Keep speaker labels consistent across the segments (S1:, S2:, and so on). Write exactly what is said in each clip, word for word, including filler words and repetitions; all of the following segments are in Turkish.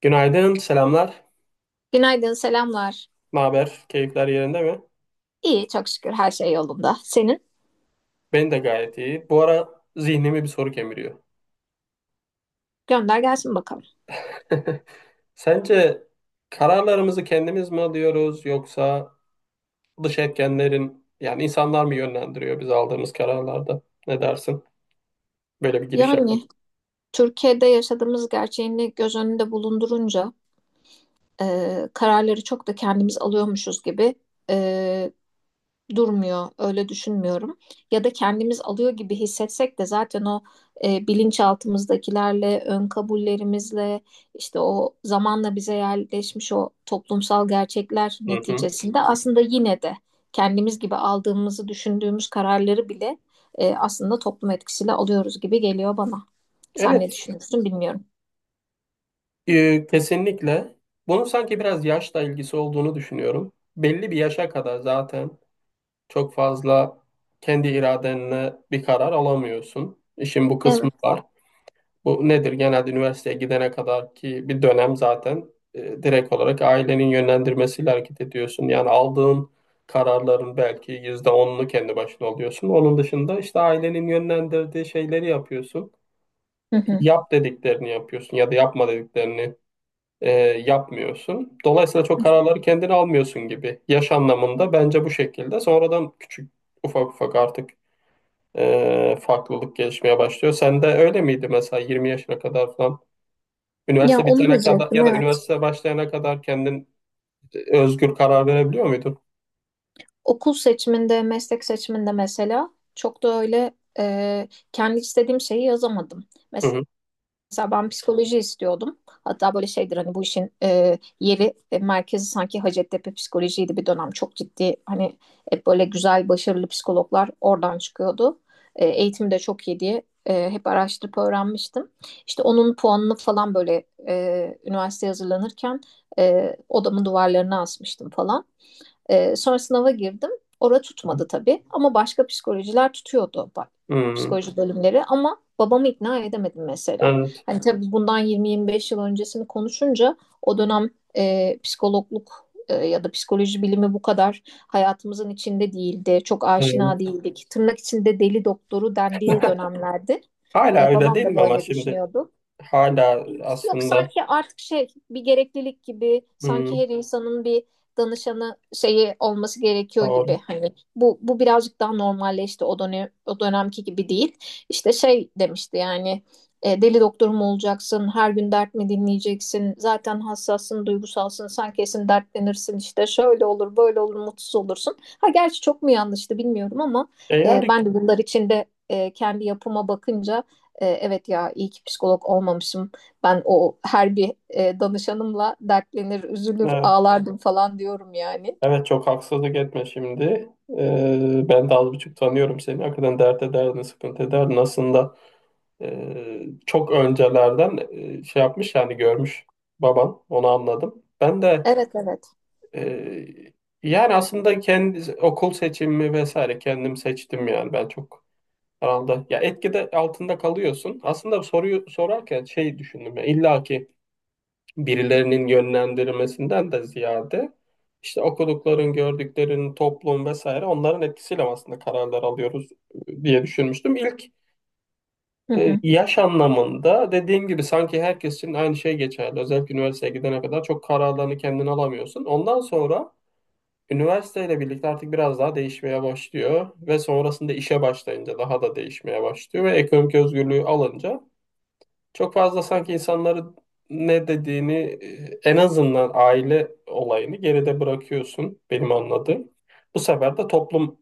S1: Günaydın, selamlar.
S2: Günaydın, selamlar.
S1: Ne haber? Keyifler yerinde mi?
S2: İyi, çok şükür her şey yolunda. Senin?
S1: Ben de gayet iyi. Bu ara zihnimi bir soru kemiriyor.
S2: Gönder gelsin bakalım.
S1: Sence kararlarımızı kendimiz mi alıyoruz yoksa dış etkenlerin yani insanlar mı yönlendiriyor biz aldığımız kararlarda? Ne dersin? Böyle bir giriş yapayım.
S2: Yani Türkiye'de yaşadığımız gerçeğini göz önünde bulundurunca e, kararları çok da kendimiz alıyormuşuz gibi e, durmuyor. Öyle düşünmüyorum. Ya da kendimiz alıyor gibi hissetsek de zaten o e, bilinçaltımızdakilerle, ön kabullerimizle, işte o zamanla bize yerleşmiş o toplumsal gerçekler
S1: Hı hı.
S2: neticesinde aslında yine de kendimiz gibi aldığımızı düşündüğümüz kararları bile e, aslında toplum etkisiyle alıyoruz gibi geliyor bana. Sen ne
S1: Evet,
S2: düşünüyorsun bilmiyorum.
S1: e, kesinlikle. Bunun sanki biraz yaşla ilgisi olduğunu düşünüyorum. Belli bir yaşa kadar zaten çok fazla kendi iradenle bir karar alamıyorsun. İşin bu kısmı
S2: Evet.
S1: var. Bu nedir? Genelde üniversiteye gidene kadar ki bir dönem zaten e, direkt olarak ailenin yönlendirmesiyle hareket ediyorsun. Yani aldığın kararların belki yüzde onunu kendi başına alıyorsun. Onun dışında işte ailenin yönlendirdiği şeyleri yapıyorsun.
S2: Hı hı.
S1: Yap dediklerini yapıyorsun ya da yapma dediklerini e, yapmıyorsun. Dolayısıyla çok kararları kendin almıyorsun gibi. Yaş anlamında bence bu şekilde. Sonradan küçük ufak ufak artık e, farklılık gelişmeye başlıyor. Sen de öyle miydi mesela yirmi yaşına kadar falan?
S2: Ya
S1: Üniversite
S2: onu
S1: bitene kadar
S2: diyecektim,
S1: ya da
S2: evet.
S1: üniversite başlayana kadar kendin özgür karar verebiliyor muydun?
S2: Okul seçiminde, meslek seçiminde mesela çok da öyle e, kendi istediğim şeyi yazamadım.
S1: Hı hı.
S2: Mesela ben psikoloji istiyordum. Hatta böyle şeydir, hani bu işin e, yeri, e, merkezi sanki Hacettepe psikolojiydi bir dönem. Çok ciddi, hani hep böyle güzel, başarılı psikologlar oradan çıkıyordu. E, eğitimi de çok iyi diye e, hep araştırıp öğrenmiştim. İşte onun puanını falan böyle e, üniversiteye hazırlanırken e, odamın duvarlarına asmıştım falan. E, sonra sınava girdim. Orada tutmadı tabii, ama başka psikolojiler tutuyordu. Bak,
S1: Hmm.
S2: psikoloji bölümleri, ama babamı ikna edemedim mesela.
S1: Evet,
S2: Hani tabii bundan yirmi yirmi beş yıl öncesini konuşunca o dönem e, psikologluk e, ya da psikoloji bilimi bu kadar hayatımızın içinde değildi. Çok aşina
S1: evet.
S2: değildik. Tırnak içinde deli doktoru dendiği dönemlerdi.
S1: Hala
S2: E,
S1: öyle
S2: babam
S1: değil
S2: da
S1: mi ama
S2: böyle
S1: şimdi
S2: düşünüyordu.
S1: hala
S2: Yok,
S1: aslında
S2: sanki artık şey, bir gereklilik gibi, sanki
S1: hmm,
S2: her insanın bir danışanı şeyi olması gerekiyor
S1: doğru.
S2: gibi. Hani bu bu birazcık daha normalleşti, o dönem o dönemki gibi değil. İşte şey demişti yani, e, deli doktor mu olacaksın, her gün dert mi dinleyeceksin, zaten hassassın, duygusalsın, sen kesin dertlenirsin, işte şöyle olur, böyle olur, mutsuz olursun. Ha, gerçi çok mu yanlıştı, bilmiyorum, ama
S1: E
S2: e,
S1: yani
S2: ben de bunlar içinde e, kendi yapıma bakınca, e, evet ya, iyi ki psikolog olmamışım, ben o her bir e, danışanımla dertlenir, üzülür,
S1: e,
S2: ağlardım falan diyorum yani.
S1: Evet çok haksızlık etme şimdi. Ee, ben de az buçuk tanıyorum seni. Hakikaten dert ederdin, sıkıntı ederdin. Aslında e, çok öncelerden e, şey yapmış yani görmüş baban. Onu anladım. Ben de
S2: Evet, evet.
S1: e, yani aslında kendi okul seçimi vesaire kendim seçtim yani. Ben çok herhalde ya etkide altında kalıyorsun. Aslında soruyu sorarken şey düşündüm ya illa ki birilerinin yönlendirmesinden de ziyade işte okudukların, gördüklerin, toplum vesaire onların etkisiyle aslında kararlar alıyoruz e, diye düşünmüştüm. İlk
S2: Hı
S1: e,
S2: hı.
S1: yaş anlamında dediğim gibi sanki herkes için aynı şey geçerli. Özellikle üniversiteye gidene kadar çok kararlarını kendin alamıyorsun. Ondan sonra üniversiteyle birlikte artık biraz daha değişmeye başlıyor ve sonrasında işe başlayınca daha da değişmeye başlıyor ve ekonomik özgürlüğü alınca çok fazla sanki insanların ne dediğini, e, en azından aile olayını geride bırakıyorsun benim anladığım. Bu sefer de toplum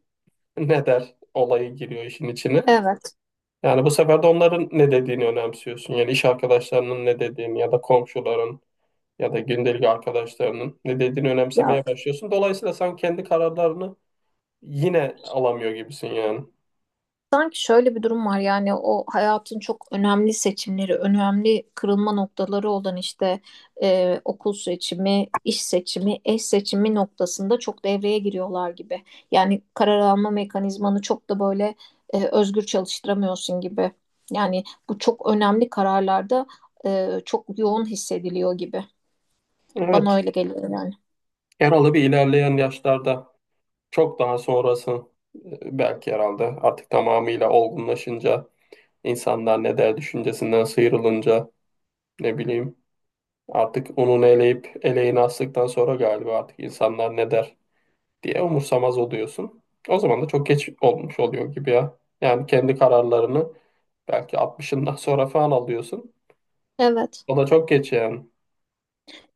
S1: ne der olayı giriyor işin içine.
S2: Evet.
S1: Yani bu sefer de onların ne dediğini önemsiyorsun. Yani iş arkadaşlarının ne dediğini ya da komşuların ya da gündelik arkadaşlarının ne dediğini
S2: Ya,
S1: önemsemeye başlıyorsun. Dolayısıyla sen kendi kararlarını yine alamıyor gibisin yani.
S2: sanki şöyle bir durum var yani, o hayatın çok önemli seçimleri, önemli kırılma noktaları olan işte e, okul seçimi, iş seçimi, eş seçimi noktasında çok devreye giriyorlar gibi. Yani karar alma mekanizmanı çok da böyle e, özgür çalıştıramıyorsun gibi. Yani bu çok önemli kararlarda e, çok yoğun hissediliyor gibi. Bana
S1: Evet.
S2: öyle geliyor yani.
S1: Yaralı bir ilerleyen yaşlarda. Çok daha sonrası, e, belki herhalde artık tamamıyla olgunlaşınca insanlar ne der düşüncesinden sıyrılınca, ne bileyim, artık onun eleyip eleğini astıktan sonra galiba artık insanlar ne der diye umursamaz oluyorsun. O zaman da çok geç olmuş oluyor gibi ya. Yani kendi kararlarını belki altmışından sonra falan alıyorsun.
S2: Evet.
S1: O da çok geç yani.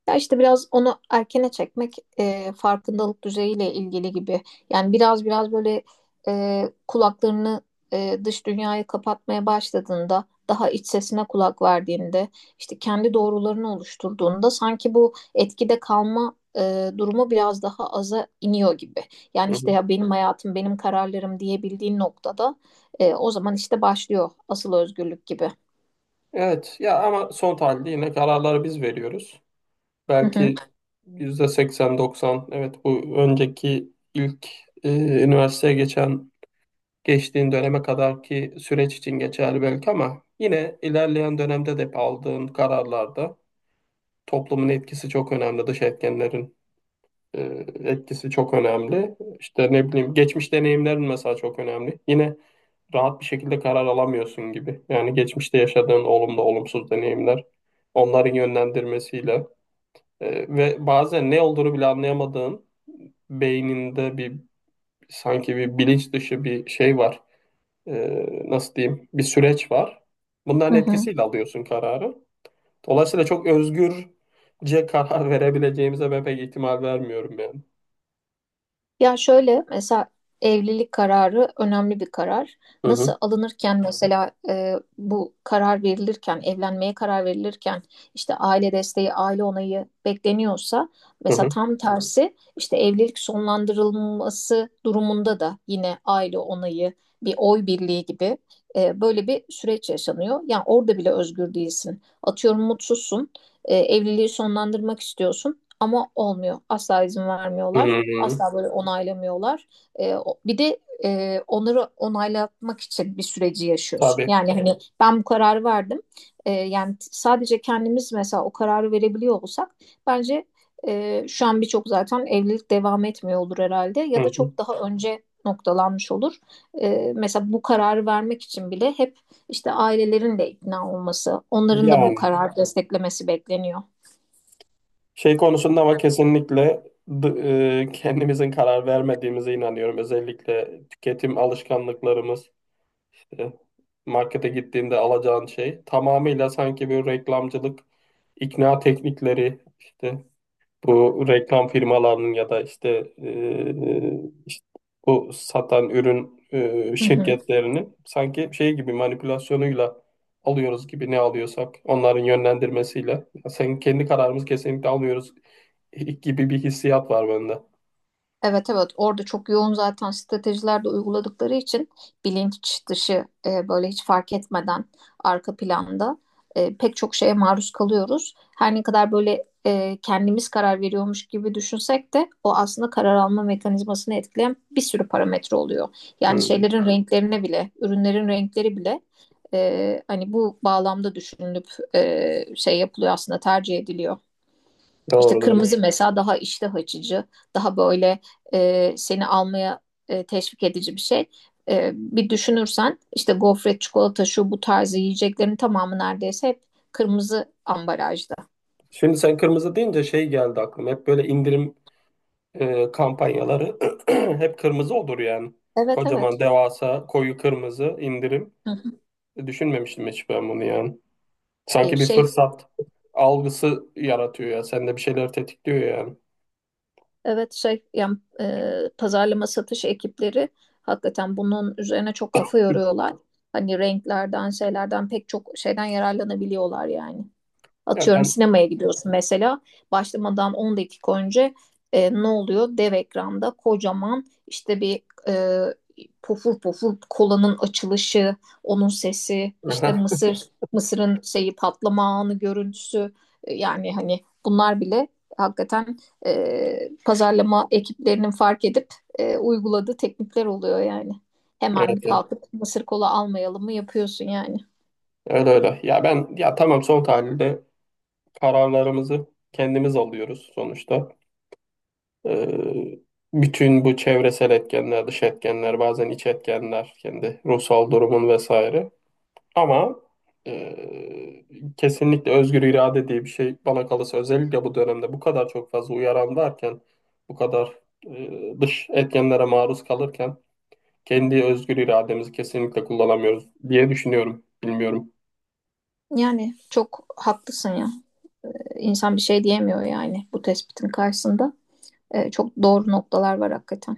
S2: Ya işte biraz onu erkene çekmek e, farkındalık düzeyiyle ilgili gibi. Yani biraz biraz böyle e, kulaklarını e, dış dünyaya kapatmaya başladığında, daha iç sesine kulak verdiğinde, işte kendi doğrularını oluşturduğunda sanki bu etkide kalma e, durumu biraz daha aza iniyor gibi. Yani
S1: Hı
S2: işte
S1: hı.
S2: ya, benim hayatım, benim kararlarım diyebildiğin noktada e, o zaman işte başlıyor asıl özgürlük gibi.
S1: Evet ya ama son tahlilde yine kararları biz veriyoruz.
S2: Hı hı.
S1: Belki yüzde seksen doksan. Evet bu önceki ilk e, üniversiteye geçen geçtiğin döneme kadarki süreç için geçerli belki ama yine ilerleyen dönemde de aldığın kararlarda toplumun etkisi çok önemli. Dış etkenlerin e, etkisi çok önemli. İşte ne bileyim geçmiş deneyimlerin mesela çok önemli. Yine rahat bir şekilde karar alamıyorsun gibi. Yani geçmişte yaşadığın olumlu olumsuz deneyimler onların yönlendirmesiyle, e, ve bazen ne olduğunu bile anlayamadığın beyninde bir sanki bir bilinç dışı bir şey var. E, nasıl diyeyim? Bir süreç var. Bunların
S2: Hı hı.
S1: etkisiyle alıyorsun kararı. Dolayısıyla çok özgürce karar verebileceğimize ben pek ihtimal vermiyorum yani.
S2: Ya şöyle mesela, evlilik kararı önemli bir karar.
S1: Hı
S2: Nasıl,
S1: hı,
S2: alınırken mesela e, bu karar verilirken, evlenmeye karar verilirken işte aile desteği, aile onayı bekleniyorsa,
S1: hı
S2: mesela
S1: hı.
S2: tam tersi, işte evlilik sonlandırılması durumunda da yine aile onayı, bir oy birliği gibi e, böyle bir süreç yaşanıyor. Yani orada bile özgür değilsin. Atıyorum, mutsuzsun, e, evliliği sonlandırmak istiyorsun, ama olmuyor. Asla izin
S1: Hı,
S2: vermiyorlar. Asla böyle onaylamıyorlar. Ee, o- bir de e, onları onaylatmak için bir süreci yaşıyorsun.
S1: tabii.
S2: Yani hani ben bu kararı verdim. Ee, yani t- sadece kendimiz mesela o kararı verebiliyor olsak, bence e, şu an birçok zaten evlilik devam etmiyor olur herhalde,
S1: Hı
S2: ya da
S1: hı.
S2: çok daha önce noktalanmış olur. Ee, mesela bu kararı vermek için bile hep işte ailelerin de ikna olması, onların da bu
S1: Yani
S2: kararı desteklemesi bekleniyor.
S1: şey konusunda ama kesinlikle d- e, kendimizin karar vermediğimize inanıyorum. Özellikle tüketim alışkanlıklarımız, e, markete gittiğinde alacağın şey tamamıyla sanki bir reklamcılık, ikna teknikleri, işte bu reklam firmalarının ya da işte, e, işte bu satan ürün, e,
S2: Hı hı.
S1: şirketlerinin sanki şey gibi manipülasyonuyla alıyoruz gibi, ne alıyorsak onların yönlendirmesiyle. Sen kendi kararımızı kesinlikle almıyoruz gibi bir hissiyat var bende.
S2: Evet, evet, orada çok yoğun zaten stratejiler de uyguladıkları için, bilinç dışı e, böyle hiç fark etmeden arka planda e, pek çok şeye maruz kalıyoruz. Her ne kadar böyle e, kendimiz karar veriyormuş gibi düşünsek de, o aslında karar alma mekanizmasını etkileyen bir sürü parametre oluyor. Yani
S1: Hmm,
S2: şeylerin renklerine bile, ürünlerin renkleri bile e, hani bu bağlamda düşünülüp e, şey yapılıyor, aslında tercih ediliyor. İşte
S1: doğru doğru.
S2: kırmızı mesela daha iştah açıcı, daha böyle e, seni almaya e, teşvik edici bir şey. E, bir düşünürsen işte gofret, çikolata, şu bu tarzı yiyeceklerin tamamı neredeyse hep kırmızı ambalajda.
S1: Şimdi sen kırmızı deyince şey geldi aklıma. Hep böyle indirim e, kampanyaları hep kırmızı olur yani.
S2: Evet,
S1: Kocaman
S2: evet.
S1: devasa koyu kırmızı indirim.
S2: Hı hı.
S1: E, Düşünmemiştim hiç ben bunu yani.
S2: E,
S1: Sanki bir
S2: şey
S1: fırsat algısı yaratıyor ya. Sende bir şeyler tetikliyor yani.
S2: evet, şey yani, e, pazarlama satış ekipleri hakikaten bunun üzerine çok kafa yoruyorlar. Hani renklerden, şeylerden, pek çok şeyden yararlanabiliyorlar yani.
S1: Ya
S2: Atıyorum,
S1: ben
S2: sinemaya gidiyorsun mesela. Başlamadan on dakika önce e, ne oluyor? Dev ekranda kocaman, işte bir e, pofur pofur kolanın açılışı, onun sesi, işte mısır, mısırın şeyi, patlama anı görüntüsü. E, Yani hani bunlar bile hakikaten e, pazarlama ekiplerinin fark edip e, uyguladığı teknikler oluyor yani. Hemen,
S1: evet,
S2: bir
S1: evet.
S2: kalkıp mısır kola almayalım mı, yapıyorsun yani.
S1: Öyle öyle. Ya ben ya tamam, son tahlilde kararlarımızı kendimiz alıyoruz sonuçta. Ee, bütün bu çevresel etkenler, dış etkenler, bazen iç etkenler, kendi ruhsal durumun vesaire. Ama e, kesinlikle özgür irade diye bir şey, bana kalırsa özellikle bu dönemde bu kadar çok fazla uyaran varken, bu kadar e, dış etkenlere maruz kalırken kendi özgür irademizi kesinlikle kullanamıyoruz diye düşünüyorum. Bilmiyorum.
S2: Yani çok haklısın ya. İnsan bir şey diyemiyor yani bu tespitin karşısında. E, çok doğru noktalar var hakikaten.